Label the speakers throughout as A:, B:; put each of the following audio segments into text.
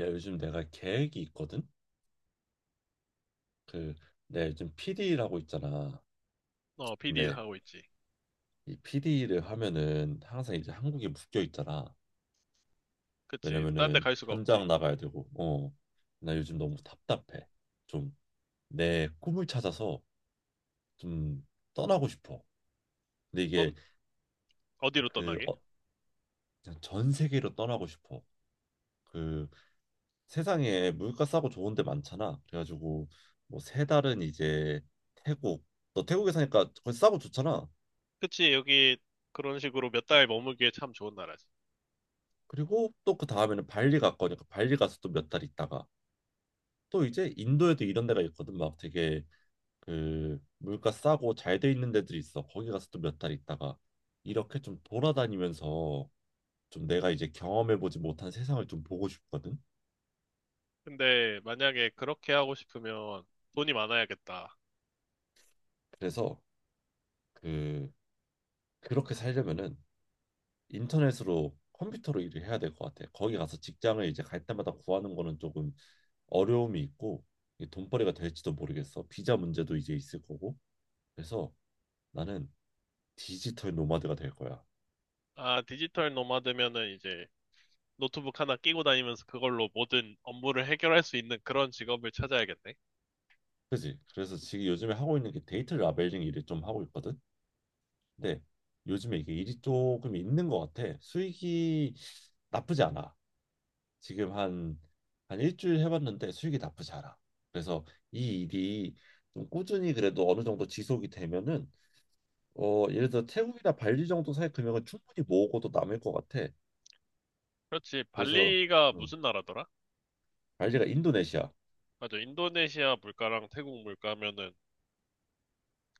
A: 야, 요즘 내가 계획이 있거든? 그, 내가 요즘 PD라고 있잖아.
B: 어, PD
A: 근데
B: 하고 있지.
A: 이 PD를 하면은 항상 이제 한국에 묶여 있잖아.
B: 그치. 딴 데
A: 왜냐면은
B: 갈 수가 없지.
A: 현장 나가야 되고. 나 요즘 너무 답답해. 좀 내 꿈을 찾아서 좀 떠나고 싶어. 근데 이게
B: 떤, 어디로
A: 그,
B: 떠나게?
A: 어, 그냥 전 세계로 떠나고 싶어. 그 세상에 물가 싸고 좋은 데 많잖아. 그래가지고 뭐 세 달은 이제 태국, 너 태국에 사니까 거기 싸고 좋잖아.
B: 그치. 여기 그런 식으로 몇 달 머물기에 참 좋은 나라지.
A: 그리고 또 그 다음에는 발리 갔거니까 발리 가서 또 몇 달 있다가 또 이제 인도에도 이런 데가 있거든. 막 되게 물가 싸고 잘 돼 있는 데들이 있어. 거기 가서 또 몇 달 있다가 이렇게 좀 돌아다니면서 좀 내가 이제 경험해 보지 못한 세상을 좀 보고 싶거든.
B: 근데 만약에 그렇게 하고 싶으면 돈이 많아야겠다.
A: 그래서 그 그렇게 살려면은 인터넷으로 컴퓨터로 일을 해야 될 것 같아. 거기 가서 직장을 이제 갈 때마다 구하는 거는 조금 어려움이 있고 이게 돈벌이가 될지도 모르겠어. 비자 문제도 이제 있을 거고. 그래서 나는 디지털 노마드가 될 거야.
B: 아, 디지털 노마드면은 이제 노트북 하나 끼고 다니면서 그걸로 모든 업무를 해결할 수 있는 그런 직업을 찾아야겠네.
A: 그지? 그래서 지금 요즘에 하고 있는 게 데이터 라벨링 일을 좀 하고 있거든. 근데 요즘에 이게 일이 조금 있는 것 같아. 수익이 나쁘지 않아. 지금 한 한 일주일 해봤는데 수익이 나쁘지 않아. 그래서 이 일이 좀 꾸준히 그래도 어느 정도 지속이 되면은 예를 들어 태국이나 발리 정도 사이 금액은 충분히 모으고도 남을 것 같아.
B: 그렇지.
A: 그래서
B: 발리가
A: 음,
B: 무슨 나라더라?
A: 발리가 인도네시아,
B: 맞아. 인도네시아 물가랑 태국 물가면은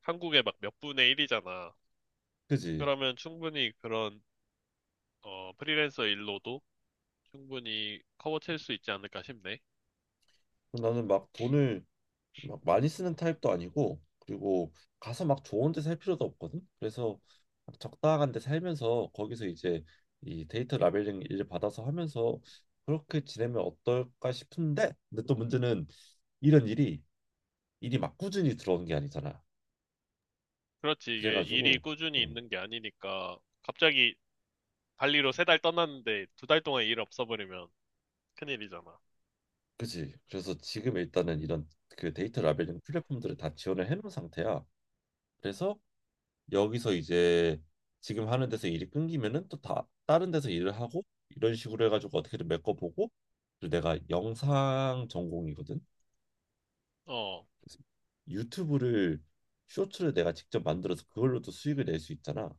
B: 한국의 막 몇 분의 1이잖아.
A: 그지?
B: 그러면 충분히 그런 프리랜서 일로도 충분히 커버칠 수 있지 않을까 싶네.
A: 그럼 나는 막 돈을 막 많이 쓰는 타입도 아니고, 그리고 가서 막 좋은 데 살 필요도 없거든. 그래서 막 적당한 데 살면서 거기서 이제 이 데이터 라벨링 일을 받아서 하면서 그렇게 지내면 어떨까 싶은데, 근데 또 문제는 이런 일이 일이 막 꾸준히 들어오는 게 아니잖아.
B: 그렇지, 이게 일이
A: 그래가지고
B: 꾸준히
A: 음,
B: 있는 게 아니니까 갑자기 발리로 세 달 떠났는데 두 달 동안 일 없어버리면 큰일이잖아.
A: 그지. 그래서 지금 일단은 이런 데이터 라벨링 플랫폼들을 다 지원을 해놓은 상태야. 그래서 여기서 이제 지금 하는 데서 일이 끊기면은 또 다 다른 데서 일을 하고 이런 식으로 해가지고 어떻게든 메꿔보고. 그리고 내가 영상 전공이거든.
B: 어,
A: 그래서 유튜브를 쇼츠를 내가 직접 만들어서 그걸로도 수익을 낼 수 있잖아.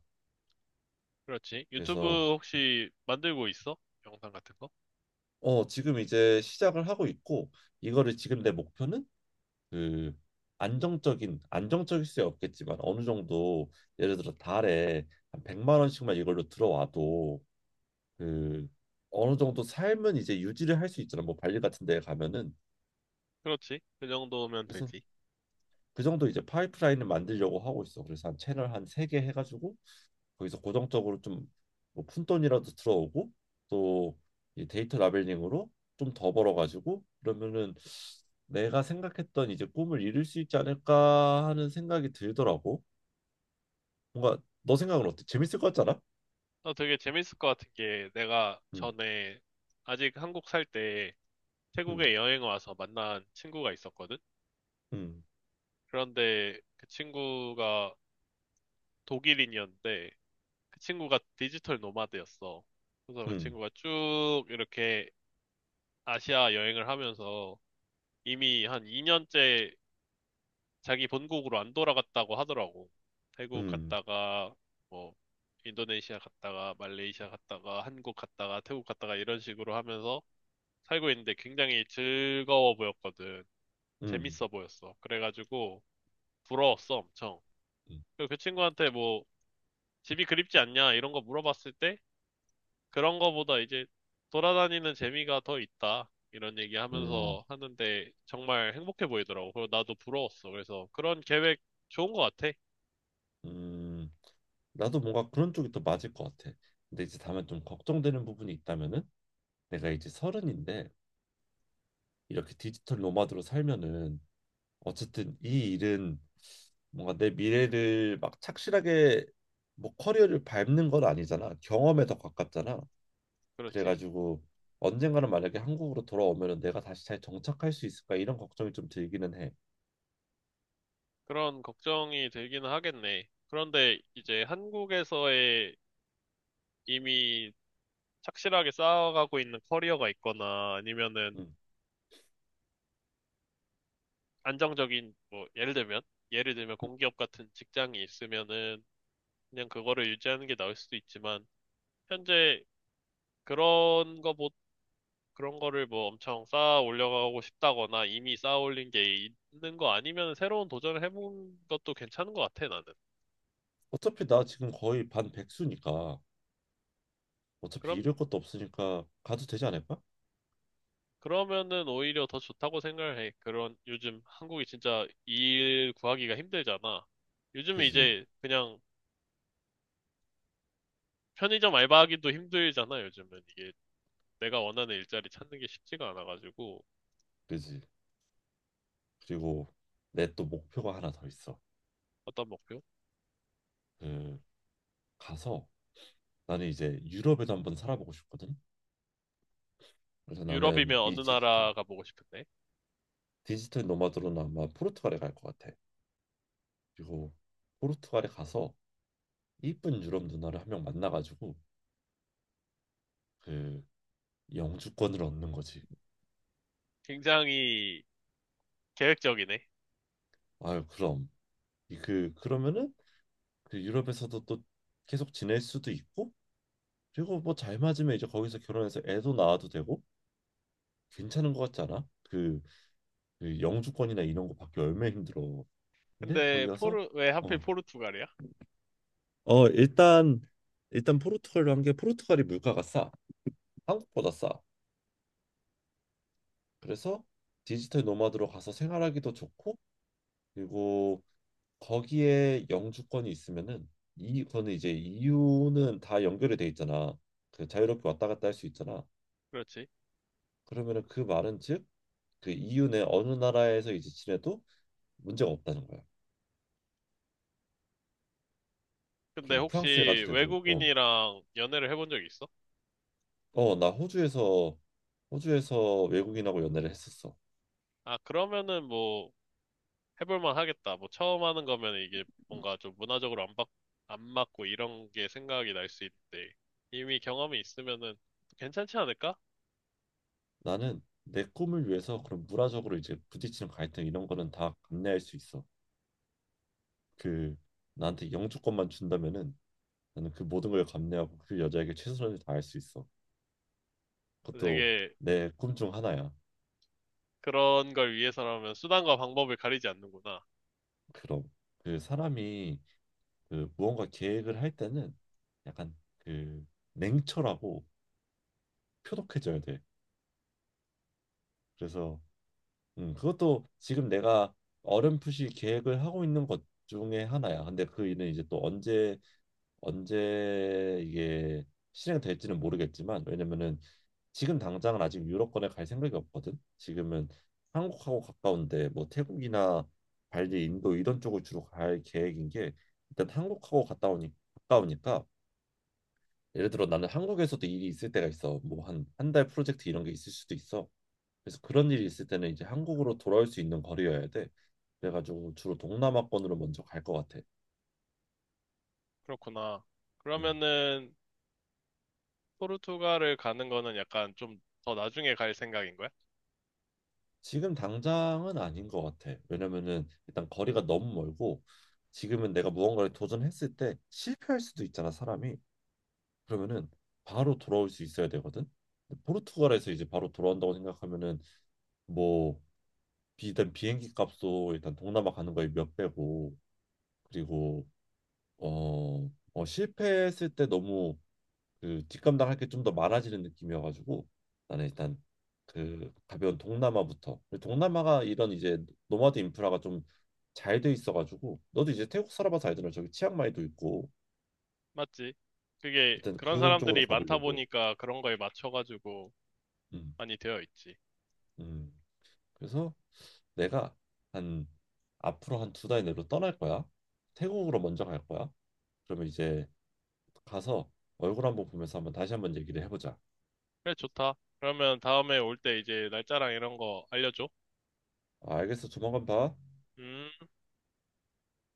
B: 그렇지. 유튜브
A: 그래서
B: 혹시 만들고 있어? 영상 같은 거?
A: 지금 이제 시작을 하고 있고 이거를 지금 내 목표는 그 안정적인 안정적일 수 없겠지만 어느 정도 예를 들어 달에 한 100만 원씩만 이걸로 들어와도 그 어느 정도 삶은 이제 유지를 할 수 있잖아. 뭐 발리 같은 데 가면은.
B: 그렇지. 그 정도면
A: 그래서
B: 되지.
A: 그 정도 이제 파이프라인을 만들려고 하고 있어. 그래서 한 채널 한 3개 해가지고 거기서 고정적으로 좀뭐 푼돈이라도 들어오고 또 이 데이터 라벨링으로 좀 더 벌어가지고 그러면은 내가 생각했던 이제 꿈을 이룰 수 있지 않을까 하는 생각이 들더라고. 뭔가 너 생각은 어때? 재밌을 것 같잖아.
B: 나 되게 재밌을 것 같은 게 내가
A: 음,
B: 전에 아직 한국 살 때
A: 음,
B: 태국에 여행 와서 만난 친구가 있었거든?
A: 음,
B: 그런데 그 친구가 독일인이었는데 그 친구가 디지털 노마드였어. 그래서 그
A: 음,
B: 친구가 쭉 이렇게 아시아 여행을 하면서 이미 한 2년째 자기 본국으로 안 돌아갔다고 하더라고. 태국
A: 음,
B: 갔다가 뭐 인도네시아 갔다가 말레이시아 갔다가 한국 갔다가 태국 갔다가 이런 식으로 하면서 살고 있는데 굉장히 즐거워 보였거든.
A: 음,
B: 재밌어 보였어. 그래가지고 부러웠어, 엄청.
A: 음,
B: 그리고 그 친구한테 뭐 집이 그립지 않냐 이런 거 물어봤을 때 그런 거보다 이제 돌아다니는 재미가 더 있다. 이런 얘기
A: 음.
B: 하면서 하는데 정말 행복해 보이더라고. 그리고 나도 부러웠어. 그래서 그런 계획 좋은 거 같아.
A: 음, 나도 뭔가 그런 쪽이 더 맞을 것 같아. 근데 이제 다만 좀 걱정되는 부분이 있다면은 내가 이제 서른인데 이렇게 디지털 노마드로 살면은 어쨌든 이 일은 뭔가 내 미래를 막 착실하게 뭐 커리어를 밟는 건 아니잖아. 경험에 더 가깝잖아.
B: 그렇지.
A: 그래가지고 언젠가는 만약에 한국으로 돌아오면은 내가 다시 잘 정착할 수 있을까 이런 걱정이 좀 들기는 해.
B: 그런 걱정이 들기는 하겠네. 그런데 이제 한국에서의 이미 착실하게 쌓아가고 있는 커리어가 있거나 아니면은
A: 음.
B: 안정적인 뭐 예를 들면 공기업 같은 직장이 있으면은 그냥 그거를 유지하는 게 나을 수도 있지만 현재 그런 거보다 그런 거를 뭐 엄청 쌓아 올려가고 싶다거나 이미 쌓아 올린 게 있는 거 아니면 새로운 도전을 해본 것도 괜찮은 것 같아, 나는.
A: 어차피 나 지금 거의 반 백수니까 어차피 잃을
B: 그럼,
A: 것도 없으니까 가도 되지 않을까?
B: 그러면은 오히려 더 좋다고 생각을 해. 그런, 요즘 한국이 진짜 일 구하기가 힘들잖아. 요즘은
A: 그지,
B: 이제 그냥 편의점 알바하기도 힘들잖아, 요즘은. 이게 내가 원하는 일자리 찾는 게 쉽지가 않아가지고.
A: 그지. 그리고 내 또 목표가 하나 더 있어.
B: 어떤 목표?
A: 그 가서 나는 이제 유럽에도 한번 살아보고 싶거든. 그래서 나는
B: 유럽이면 어느
A: 이 디지털
B: 나라가 보고 싶은데?
A: 디지털 노마드로는 아마 포르투갈에 갈 것 같아. 그리고 포르투갈에 가서 이쁜 유럽 누나를 한 명 만나가지고 그 영주권을 얻는 거지.
B: 굉장히 계획적이네.
A: 아유 그럼 이 그 그러면은 유럽에서도 또 계속 지낼 수도 있고 그리고 뭐 잘 맞으면 이제 거기서 결혼해서 애도 낳아도 되고 괜찮은 것 같지 않아? 영주권이나 이런 거 받기 얼마나 힘들어. 근데 거기
B: 근데
A: 가서
B: 포르, 왜 하필
A: 어,
B: 포르투갈이야?
A: 어 일단 일단 포르투갈로 한 게 포르투갈이 물가가 싸. 한국보다 싸. 그래서 디지털 노마드로 가서 생활하기도 좋고 그리고 거기에 영주권이 있으면은 이 거는 이제 EU는 다 연결이 돼 있잖아. 자유롭게 왔다 갔다 할 수 있잖아.
B: 그렇지.
A: 그러면은 그 말은 즉그 EU 내 어느 나라에서 이제 지내도 문제가 없다는 거야.
B: 근데
A: 그럼
B: 혹시
A: 프랑스에 가도 되고,
B: 외국인이랑 연애를 해본 적 있어?
A: 나 호주에서 외국인하고 연애를 했었어.
B: 아, 그러면은 뭐 해볼만 하겠다. 뭐 처음 하는 거면 이게 뭔가 좀 문화적으로 안 맞, 안 맞고 이런 게 생각이 날 수 있는데 이미 경험이 있으면은 괜찮지 않을까?
A: 나는 내 꿈을 위해서 그런 문화적으로 이제 부딪히는 갈등 이런 거는 다 감내할 수 있어. 그 나한테 영주권만 준다면은 나는 그 모든 걸 감내하고 그 여자에게 최선을 다할 수 있어. 그것도
B: 되게
A: 내 꿈 중 하나야.
B: 그런 걸 위해서라면 수단과 방법을 가리지 않는구나.
A: 그럼 그 사람이 무언가 계획을 할 때는 약간 그 냉철하고 표독해져야 돼. 그래서 그것도 지금 내가 어렴풋이 계획을 하고 있는 것 중에 하나야. 근데 그 일은 이제 또 언제 이게 실행될지는 모르겠지만 왜냐면은 지금 당장은 아직 유럽권에 갈 생각이 없거든. 지금은 한국하고 가까운데 뭐 태국이나 발리, 인도 이런 쪽을 주로 갈 계획인 게 일단 한국하고 갔다 오니 가까우니까 예를 들어 나는 한국에서도 일이 있을 때가 있어. 뭐 한 한 달 프로젝트 이런 게 있을 수도 있어. 그래서 그런 일이 있을 때는 이제 한국으로 돌아올 수 있는 거리여야 돼. 그래가지고 주로 동남아권으로 먼저 갈 것 같아.
B: 그렇구나.
A: 음.
B: 그러면은 포르투갈을 가는 거는 약간 좀 더 나중에 갈 생각인 거야?
A: 지금 당장은 아닌 것 같아. 왜냐면은 일단 거리가 너무 멀고 지금은 내가 무언가를 도전했을 때 실패할 수도 있잖아, 사람이. 그러면은 바로 돌아올 수 있어야 되거든. 근데 포르투갈에서 이제 바로 돌아온다고 생각하면은 뭐 일단 비행기 값도 일단 동남아 가는 거에 몇 배고. 그리고 어, 실패했을 때 너무 뒷감당할 게 좀 더 많아지는 느낌이어가지고 나는 일단 가벼운 동남아부터 동남아가 이런 이제 노마드 인프라가 좀 잘돼 있어가지고. 너도 이제 태국 살아봐서 알잖아. 저기 치앙마이도 있고
B: 맞지? 그게
A: 일단
B: 그런
A: 그런 쪽으로
B: 사람들이 많다
A: 가보려고.
B: 보니까 그런 거에 맞춰가지고
A: 음,
B: 많이 되어 있지.
A: 음. 그래서 내가 한 앞으로 한 두 달 내로 떠날 거야. 태국으로 먼저 갈 거야. 그러면 이제 가서 얼굴 한번 보면서 한번 다시 한번 얘기를 해보자.
B: 그래, 좋다. 그러면 다음에 올 때 이제 날짜랑 이런 거 알려줘.
A: 아, 알겠어. 조만간 봐.
B: 음.